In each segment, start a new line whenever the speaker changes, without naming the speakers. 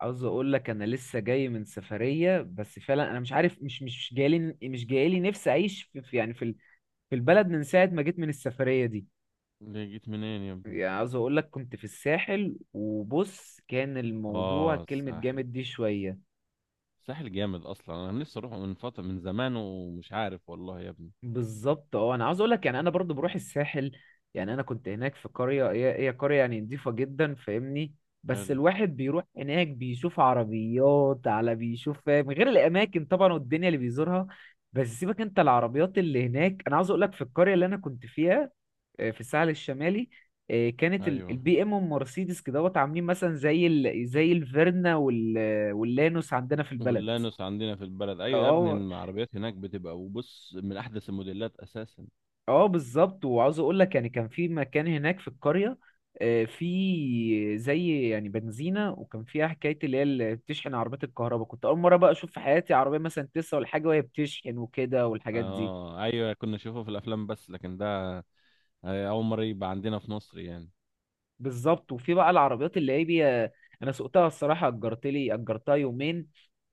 عاوز اقول لك انا لسه جاي من سفريه، بس فعلا انا مش عارف، مش مش مش جايلي مش جايلي نفسي اعيش في البلد من ساعه ما جيت من السفريه دي.
اللي جيت منين يا ابني؟
يعني عاوز اقول لك، كنت في الساحل وبص كان الموضوع
اه،
كلمه
الساحل.
جامد دي شويه.
الساحل جامد اصلا، انا نفسي اروح من فتره، من زمان، ومش عارف والله يا ابني.
بالظبط، اه انا عاوز اقول لك يعني انا برضو بروح الساحل. يعني انا كنت هناك في قريه، هي قريه يعني نضيفه جدا، فاهمني. بس
حلو.
الواحد بيروح هناك بيشوف عربيات على بيشوف، فاهم، غير الاماكن طبعا والدنيا اللي بيزورها. بس سيبك انت العربيات اللي هناك، انا عاوز اقول لك في القريه اللي انا كنت فيها. آه، في الساحل الشمالي. آه، كانت
ايوه،
البي ام والمرسيدس كدهوت عاملين مثلا زي الفيرنا واللانوس عندنا في البلد.
واللانوس عندنا في البلد، ايوه يا ابني،
اه
العربيات هناك بتبقى وبص، من احدث الموديلات اساسا.
اه بالظبط، وعاوز اقول لك يعني كان في مكان هناك في القريه. آه، في زي يعني بنزينه، وكان فيها حكايه اللي هي اللي بتشحن عربيات الكهرباء. كنت اول مره بقى اشوف في حياتي عربيه مثلا تسعة ولا حاجه وهي بتشحن وكده والحاجات دي.
اه، ايوه، كنا نشوفها في الافلام بس، لكن ده اول مره يبقى عندنا في مصر يعني.
بالظبط، وفي بقى العربيات اللي هي انا سوقتها الصراحه، اجرت لي اجرتها يومين.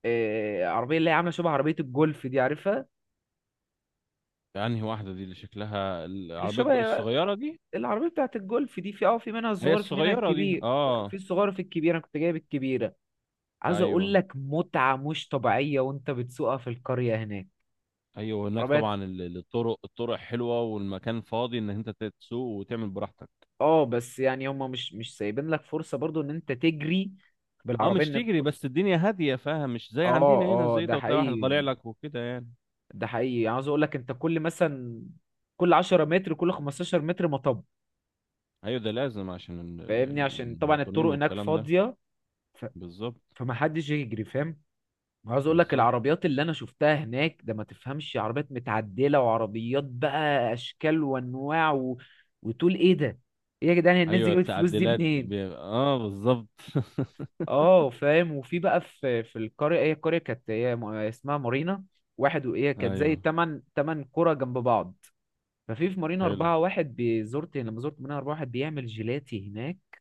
آه، عربيه اللي هي عامله شبه عربيه الجولف دي، عارفها.
انهي واحده دي، اللي شكلها
اللي
العربيه
شبه
الصغيره دي؟
العربيه بتاعت الجولف دي، في اه في منها
هي
الصغير في منها
الصغيره دي،
الكبير. في
اه.
الصغير في الكبير، انا كنت جايب الكبيره. عايز اقول
ايوه،
لك متعة مش طبيعية وانت بتسوقها في القرية هناك.
ايوه. هناك
عربيات،
طبعا الطرق حلوه، والمكان فاضي ان انت تسوق وتعمل براحتك.
اه بس يعني هما مش سايبين لك فرصة برضو ان انت تجري
اه،
بالعربية
مش
انك.
تجري، بس الدنيا هاديه، فاهم؟ مش زي
اه
عندنا هنا،
اه
زي
ده
ده وتلاقي واحد طالع
حقيقي.
لك وكده يعني.
ده حقيقي يعني عايز اقول لك انت، كل مثلا كل 10 متر كل 15 متر مطب.
ايوه، ده لازم عشان
فاهمني عشان طبعا
المواطنين
الطرق هناك
والكلام ده.
فاضية، ف...
بالظبط،
فمحدش يجري، فاهم. عاوز اقول لك
بالظبط.
العربيات اللي انا شفتها هناك، ده ما تفهمش عربيات متعدله وعربيات بقى، اشكال وانواع وتقول ايه ده، ايه يا جدعان الناس دي
ايوه،
جابت الفلوس دي
التعديلات دي
منين.
بي... اه بالظبط.
اه فاهم، وفي بقى في القريه، هي القريه كانت هي اسمها مارينا واحد، وهي كانت زي
ايوه،
تمن قرى جنب بعض. ففي مارينا
حلو.
أربعة، واحد بزرت لما زرت مارينا أربعة، واحد بيعمل جيلاتي هناك.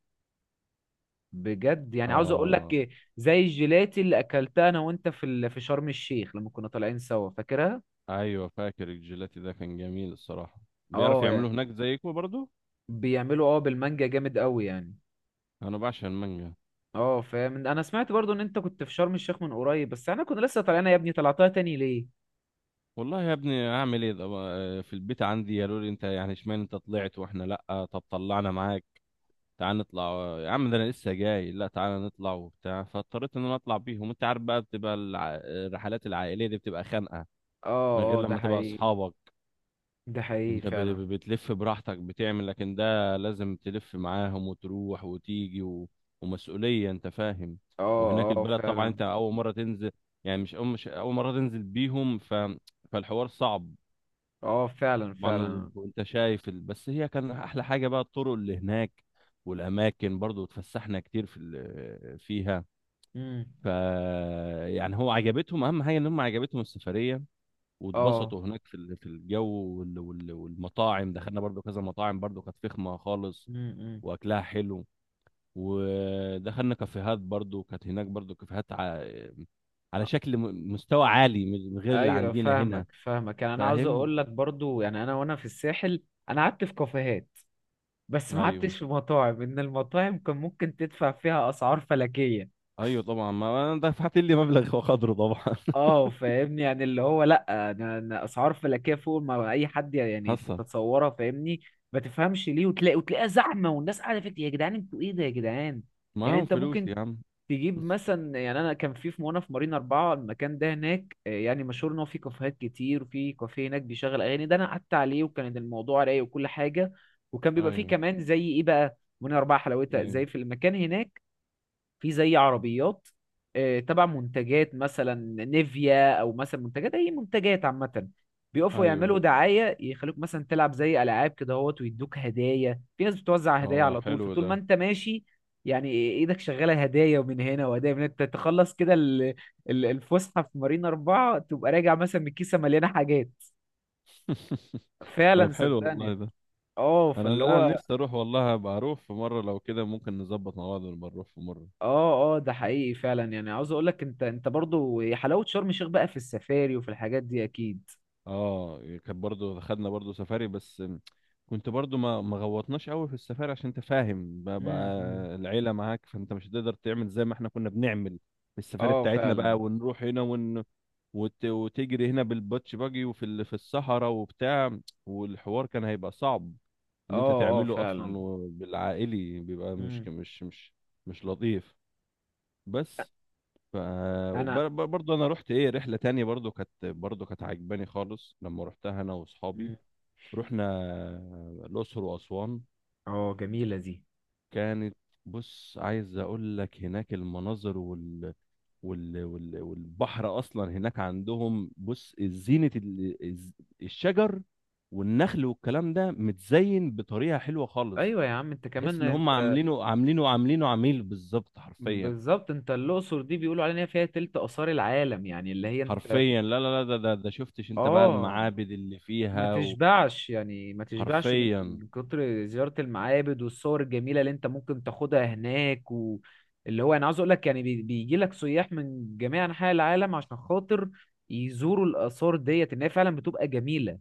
بجد يعني عاوز اقول
اه،
لك، زي الجيلاتي اللي اكلتها انا وانت في في شرم الشيخ لما كنا طالعين سوا، فاكرها.
ايوه، فاكر الجيلاتي ده، كان جميل الصراحه. بيعرف
اه
يعملوه هناك زيكم برضو.
بيعملوا اه بالمانجا جامد قوي يعني.
انا بعشق المانجا.
اه فاهم، انا سمعت برضو ان انت كنت في شرم الشيخ من قريب، بس انا كنت لسه طالعنا، يا ابني طلعتها تاني ليه؟
والله يا ابني، اعمل ايه ده بقى؟ في البيت عندي قالوا لي: انت يعني اشمعنى انت طلعت واحنا لا؟ طب طلعنا معاك، تعال نطلع. آه يا عم، ده انا لسه جاي، لا تعال نطلع وبتاع. فاضطريت ان انا اطلع بيهم. انت عارف بقى، بتبقى الرحلات العائليه دي بتبقى خانقه، من
اه
غير
اه ده
لما تبقى
حقيقي.
اصحابك
ده حقيقي
انت
فعلا.
بتلف براحتك بتعمل. لكن ده لازم تلف معاهم وتروح وتيجي و... ومسؤوليه، انت فاهم.
اه
وهناك
اه
البلد طبعا،
فعلا.
انت اول مره تنزل، يعني مش اول مره تنزل بيهم، فالحوار صعب
اه فعلا
طبعا.
فعلا.
انت شايف بس هي كان احلى حاجه بقى الطرق اللي هناك، والاماكن برضو اتفسحنا كتير فيها،
امم.
ف يعني هو عجبتهم، اهم حاجه ان هم عجبتهم السفريه،
اه
واتبسطوا هناك في الجو، والمطاعم دخلنا برضو كذا مطاعم، برضو كانت فخمه خالص
امم.
واكلها حلو. ودخلنا كافيهات برضو، كانت هناك برضو كافيهات على شكل مستوى عالي، من غير اللي
ايوه
عندنا
فاهمك
هنا،
فاهمك، يعني انا عاوز
فاهم.
اقول لك برضو يعني انا وانا في الساحل. انا قعدت في كافيهات، بس ما
ايوه،
قعدتش في مطاعم، ان المطاعم كان ممكن تدفع فيها اسعار فلكية.
ايوه طبعا، ما انا دفعت لي مبلغ وقدره طبعا.
اه فاهمني يعني اللي هو، لا أنا اسعار فلكيه فوق ما اي حد يعني
حصل،
تتصورها، فاهمني. ما تفهمش ليه، وتلاقي وتلاقيها زحمه والناس قاعده فيك، يا جدعان انتوا ايه ده، يا جدعان. يعني
معاهم
انت
فلوس
ممكن
يا عم.
تجيب مثلا، يعني انا كان في وانا في مارينا اربعه، المكان ده هناك آه، يعني مشهور ان هو في كافيهات كتير، وفي كافيه هناك بيشغل اغاني، ده انا قعدت عليه وكان الموضوع رايق وكل حاجه. وكان بيبقى فيه
ايوه
كمان زي ايه بقى، مارينا اربعه حلاوتها
إيه.
زي في المكان هناك. في زي عربيات آه، تبع منتجات مثلا نيفيا، او مثلا منتجات اي منتجات عامه. بيقفوا
ايوه،
يعملوا دعايه يخلوك مثلا تلعب زي العاب كده اهوت، ويدوك هدايا، في ناس بتوزع هدايا
اه
على طول،
حلو
فطول
ده.
ما انت ماشي. يعني ايدك شغاله هدايا ومن هنا، وهدايا من هنا، انت تخلص كده الفسحه في مارينا اربعه تبقى راجع مثلا من كيسه مليانه حاجات. فعلا
طب حلو والله
صدقني.
ده،
اه
انا
فاللي
لا، أنا
هو.
نفسي اروح والله، ابقى اروح في مره، لو كده ممكن نظبط مع بعض ونبقى نروح في مره.
اه اه ده حقيقي فعلا، يعني عاوز اقول لك انت برضو، هي حلاوة شرم الشيخ بقى في السفاري وفي الحاجات دي اكيد.
اه، إيه، كانت برضو خدنا برضو سفاري بس، كنت برضو ما غوطناش قوي في السفاري، عشان انت فاهم بقى،
أمم.
العيله معاك، فانت مش هتقدر تعمل زي ما احنا كنا بنعمل في السفاري
اه
بتاعتنا
فعلا.
بقى، ونروح هنا وتجري هنا بالباتش باجي في الصحراء وبتاع، والحوار كان هيبقى صعب
اه
ان انت
اه
تعمله
فعلا.
اصلا، وبالعائلي بيبقى
امم.
مش لطيف. بس. ف
انا
برضه انا رحت ايه رحله تانية، برضه كانت عجباني خالص لما رحتها انا واصحابي.
أمم.
رحنا الاقصر واسوان،
اه جميلة دي.
كانت بص عايز اقول لك هناك المناظر، والبحر اصلا هناك عندهم، بص، زينة الشجر والنخل والكلام ده، متزين بطريقة حلوة خالص،
ايوه يا عم، انت
تحس
كمان
ان هم
انت.
عاملينه عميل بالظبط، حرفيا.
بالظبط، انت الاقصر دي بيقولوا علينا فيها تلت اثار العالم، يعني اللي هي انت.
حرفيا، لا، لا، لا، ده شفتش انت بقى
اه
المعابد اللي
ما
فيها؟
تشبعش يعني ما تشبعش من
وحرفيا،
كتر زيارة المعابد والصور الجميلة اللي انت ممكن تاخدها هناك، واللي هو انا عاوز اقول لك يعني بيجي لك سياح من جميع انحاء العالم عشان خاطر يزوروا الآثار ديت ان هي فعلا بتبقى جميلة.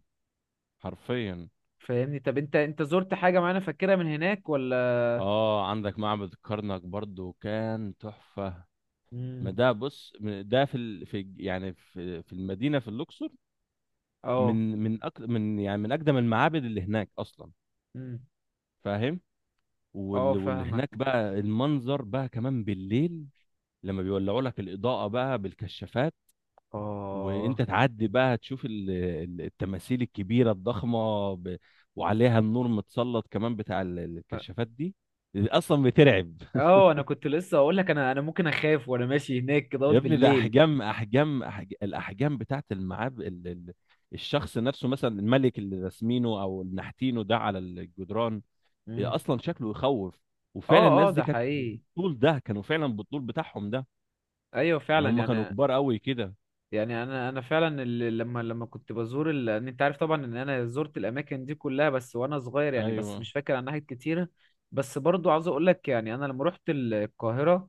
حرفيا.
فاهمني، طب انت زرت حاجة معينة فاكرها من هناك ولا؟
اه، عندك معبد الكرنك، برضو كان تحفة. ما
امم.
ده بص، ده في يعني في المدينه، في الاقصر،
اه
من من أك... من يعني من اقدم المعابد اللي هناك اصلا،
امم.
فاهم.
اه
واللي هناك
فاهمك.
بقى، المنظر بقى كمان بالليل لما بيولعوا لك الاضاءه بقى بالكشافات، وانت
اه
تعدي بقى تشوف التماثيل الكبيره الضخمه وعليها النور متسلط، كمان بتاع الكشافات دي، اصلا بترعب.
اه انا كنت لسه اقول لك، انا ممكن اخاف وانا ماشي هناك كده
يا ابني، ده
بالليل.
الاحجام بتاعت المعاب الشخص نفسه، مثلا الملك اللي راسمينه او اللي نحتينه ده على الجدران، إيه
امم.
اصلا شكله يخوف، وفعلا
اه اه
الناس دي
ده
كانت
حقيقي.
بالطول ده، كانوا فعلا بالطول بتاعهم ده،
ايوه
ان
فعلا
هم كانوا
يعني
كبار قوي كده.
يعني. انا فعلا لما كنت بزور إن انت عارف طبعا ان انا زرت الاماكن دي كلها بس وانا صغير، يعني
ايوه،
بس مش فاكر عن ناحية كتيرة. بس برضو عاوز اقول لك، يعني انا لما رحت القاهرة،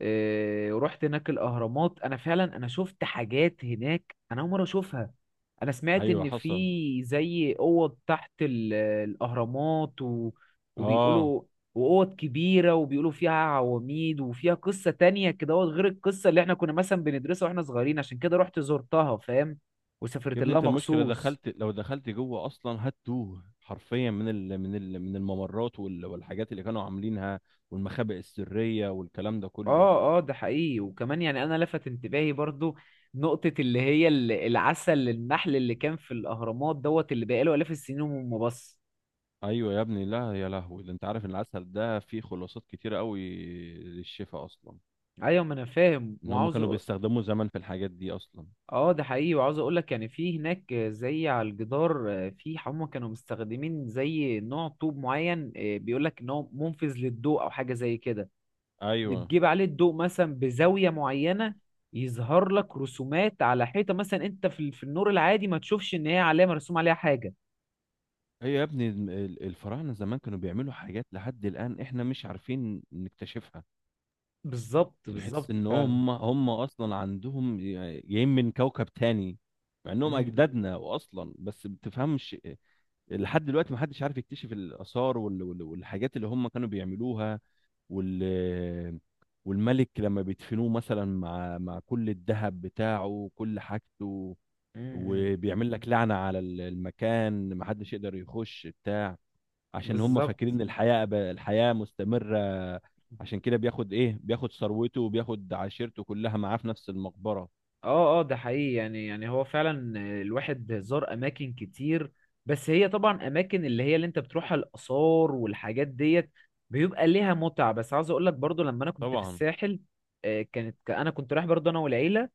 إيه، ورحت هناك الاهرامات، انا فعلا انا شفت حاجات هناك انا اول مره اشوفها. انا سمعت
ايوه،
ان في
حصل،
زي اوض تحت الاهرامات
اه.
وبيقولوا، واوض كبيره وبيقولوا فيها عواميد وفيها قصه تانية كده أهوت، غير القصه اللي احنا كنا مثلا بندرسها واحنا صغيرين عشان كده رحت زرتها، فاهم،
يا
وسافرت
ابني،
لها
انت المشكله
مخصوص.
دخلت، لو دخلت جوه اصلا هتوه حرفيا، من الممرات والحاجات اللي كانوا عاملينها، والمخابئ السريه والكلام ده كله.
اه اه ده حقيقي، وكمان يعني انا لفت انتباهي برضو نقطة اللي هي العسل النحل اللي كان في الاهرامات دوت اللي بقاله الاف السنين وما بص.
ايوه يا ابني، لا يا لهوي، ده انت عارف ان العسل ده فيه خلاصات كتيره قوي للشفاء اصلا،
ايوه ما انا فاهم،
ان هم
وعاوز
كانوا بيستخدموا زمان في الحاجات دي اصلا.
اه ده حقيقي، وعاوز اقول لك يعني في هناك زي على الجدار آه، في هم كانوا مستخدمين زي نوع طوب معين آه، بيقول لك ان هو منفذ للضوء او حاجة زي كده.
ايوه.
بتجيب عليه الضوء مثلا بزاوية معينة، يظهر لك رسومات على حيطة مثلا انت في في النور العادي ما تشوفش ان هي علامة مرسوم عليها حاجة.
هي يا ابني، الفراعنه زمان كانوا بيعملوا حاجات لحد الان احنا مش عارفين نكتشفها،
بالظبط بالظبط
تحس ان
فعلا.
هم اصلا عندهم جايين من كوكب تاني، مع انهم
مم،
اجدادنا واصلا، بس بتفهمش. لحد دلوقتي ما حدش عارف يكتشف الاثار والحاجات اللي هم كانوا بيعملوها، وال والملك لما بيدفنوه مثلا مع كل الذهب بتاعه وكل حاجته،
مم، مم.
وبيعمل لك لعنة على المكان، محدش يقدر يخش بتاع، عشان هم
بالظبط.
فاكرين ان الحياة الحياة مستمرة، عشان كده بياخد ايه، بياخد ثروته، وبياخد عشيرته كلها معاه في نفس المقبرة.
اه اه ده حقيقي، يعني يعني هو فعلا الواحد زار اماكن كتير. بس هي طبعا اماكن اللي هي اللي انت بتروحها الاثار والحاجات ديت بيبقى ليها متعه، بس عاوز اقول لك برضو لما انا كنت في
طبعا.
الساحل. آه، كانت انا كنت رايح برضو انا والعيله،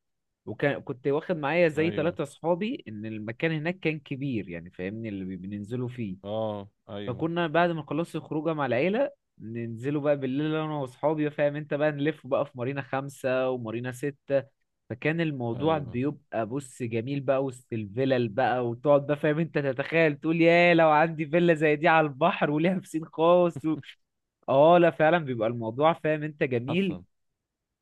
وكان كنت واخد معايا زي
ايوه،
ثلاثة اصحابي، ان المكان هناك كان كبير يعني فاهمني اللي بننزلوا فيه.
اه، ايوه،
فكنا بعد ما خلصت الخروجه مع العيله، ننزلوا بقى بالليل انا واصحابي، فاهم انت بقى نلف بقى في مارينا خمسة ومارينا ستة. فكان الموضوع
ايوه،
بيبقى بص جميل بقى وسط الفلل بقى وتقعد بقى، فاهم انت تتخيل تقول يا لو عندي فيلا زي دي على البحر وليها بسين خاص و... اه لا فعلا بيبقى الموضوع فاهم انت جميل.
حصل،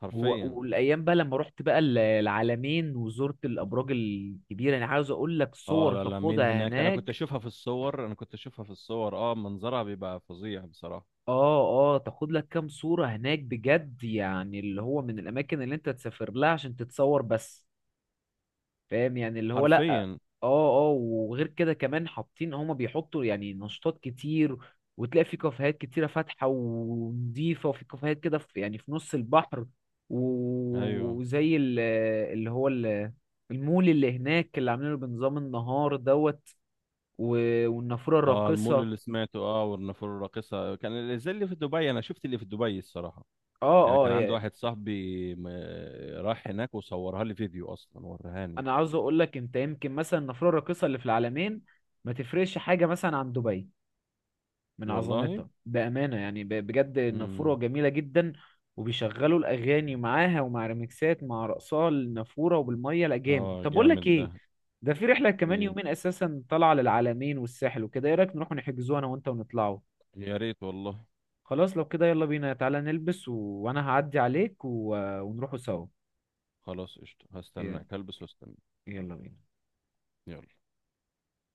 حرفيا.
والايام بقى لما رحت بقى العلمين، وزرت الابراج الكبيره، يعني عاوز اقول لك
اه،
صور
لا، لا، مين
تاخدها
هناك، انا كنت
هناك.
اشوفها في الصور، انا كنت اشوفها في الصور، اه منظرها بيبقى فظيع بصراحة،
اه اه تاخد لك كام صورة هناك بجد، يعني اللي هو من الأماكن اللي أنت تسافر لها عشان تتصور بس، فاهم، يعني اللي هو لأ.
حرفيا.
اه اه وغير كده كمان حاطين هما بيحطوا يعني نشاطات كتير. وتلاقي في كافيهات كتيرة فاتحة ونضيفة، وفي كافيهات كده في يعني في نص البحر، و-
ايوه،
وزي ال- اللي هو المول اللي هناك اللي عاملينه بنظام النهار دوت، والنافورة
اه المول
الراقصة.
اللي سمعته، والنافوره الراقصه، كان اللي زي اللي في دبي. انا شفت اللي في دبي الصراحه، يعني
اه
كان عندي
اه
واحد صاحبي راح هناك وصورها لي فيديو اصلا ورهاني
انا عاوز اقول لك انت يمكن مثلا النافوره الراقصه اللي في العالمين ما تفرقش حاجه مثلا عن دبي، من
والله.
عظمتها بامانه يعني، بجد النافوره
امم.
جميله جدا. وبيشغلوا الاغاني معاها ومع ريمكسات مع رقصها النافوره وبالميه، لا جامد،
اه
طب اقول
جامد
لك
ده.
ايه؟ ده في رحله كمان
ايه،
يومين اساسا طالعه للعالمين والساحل وكده، ايه رايك نروح نحجزوها انا وانت ونطلعوا.
يا ريت والله.
خلاص لو كده يلا بينا، تعالى نلبس و... وانا هعدي عليك و... ونروحوا سوا.
خلاص قشطه،
يلا.
هستناك، هلبس واستنى.
يلا بينا.
يلا.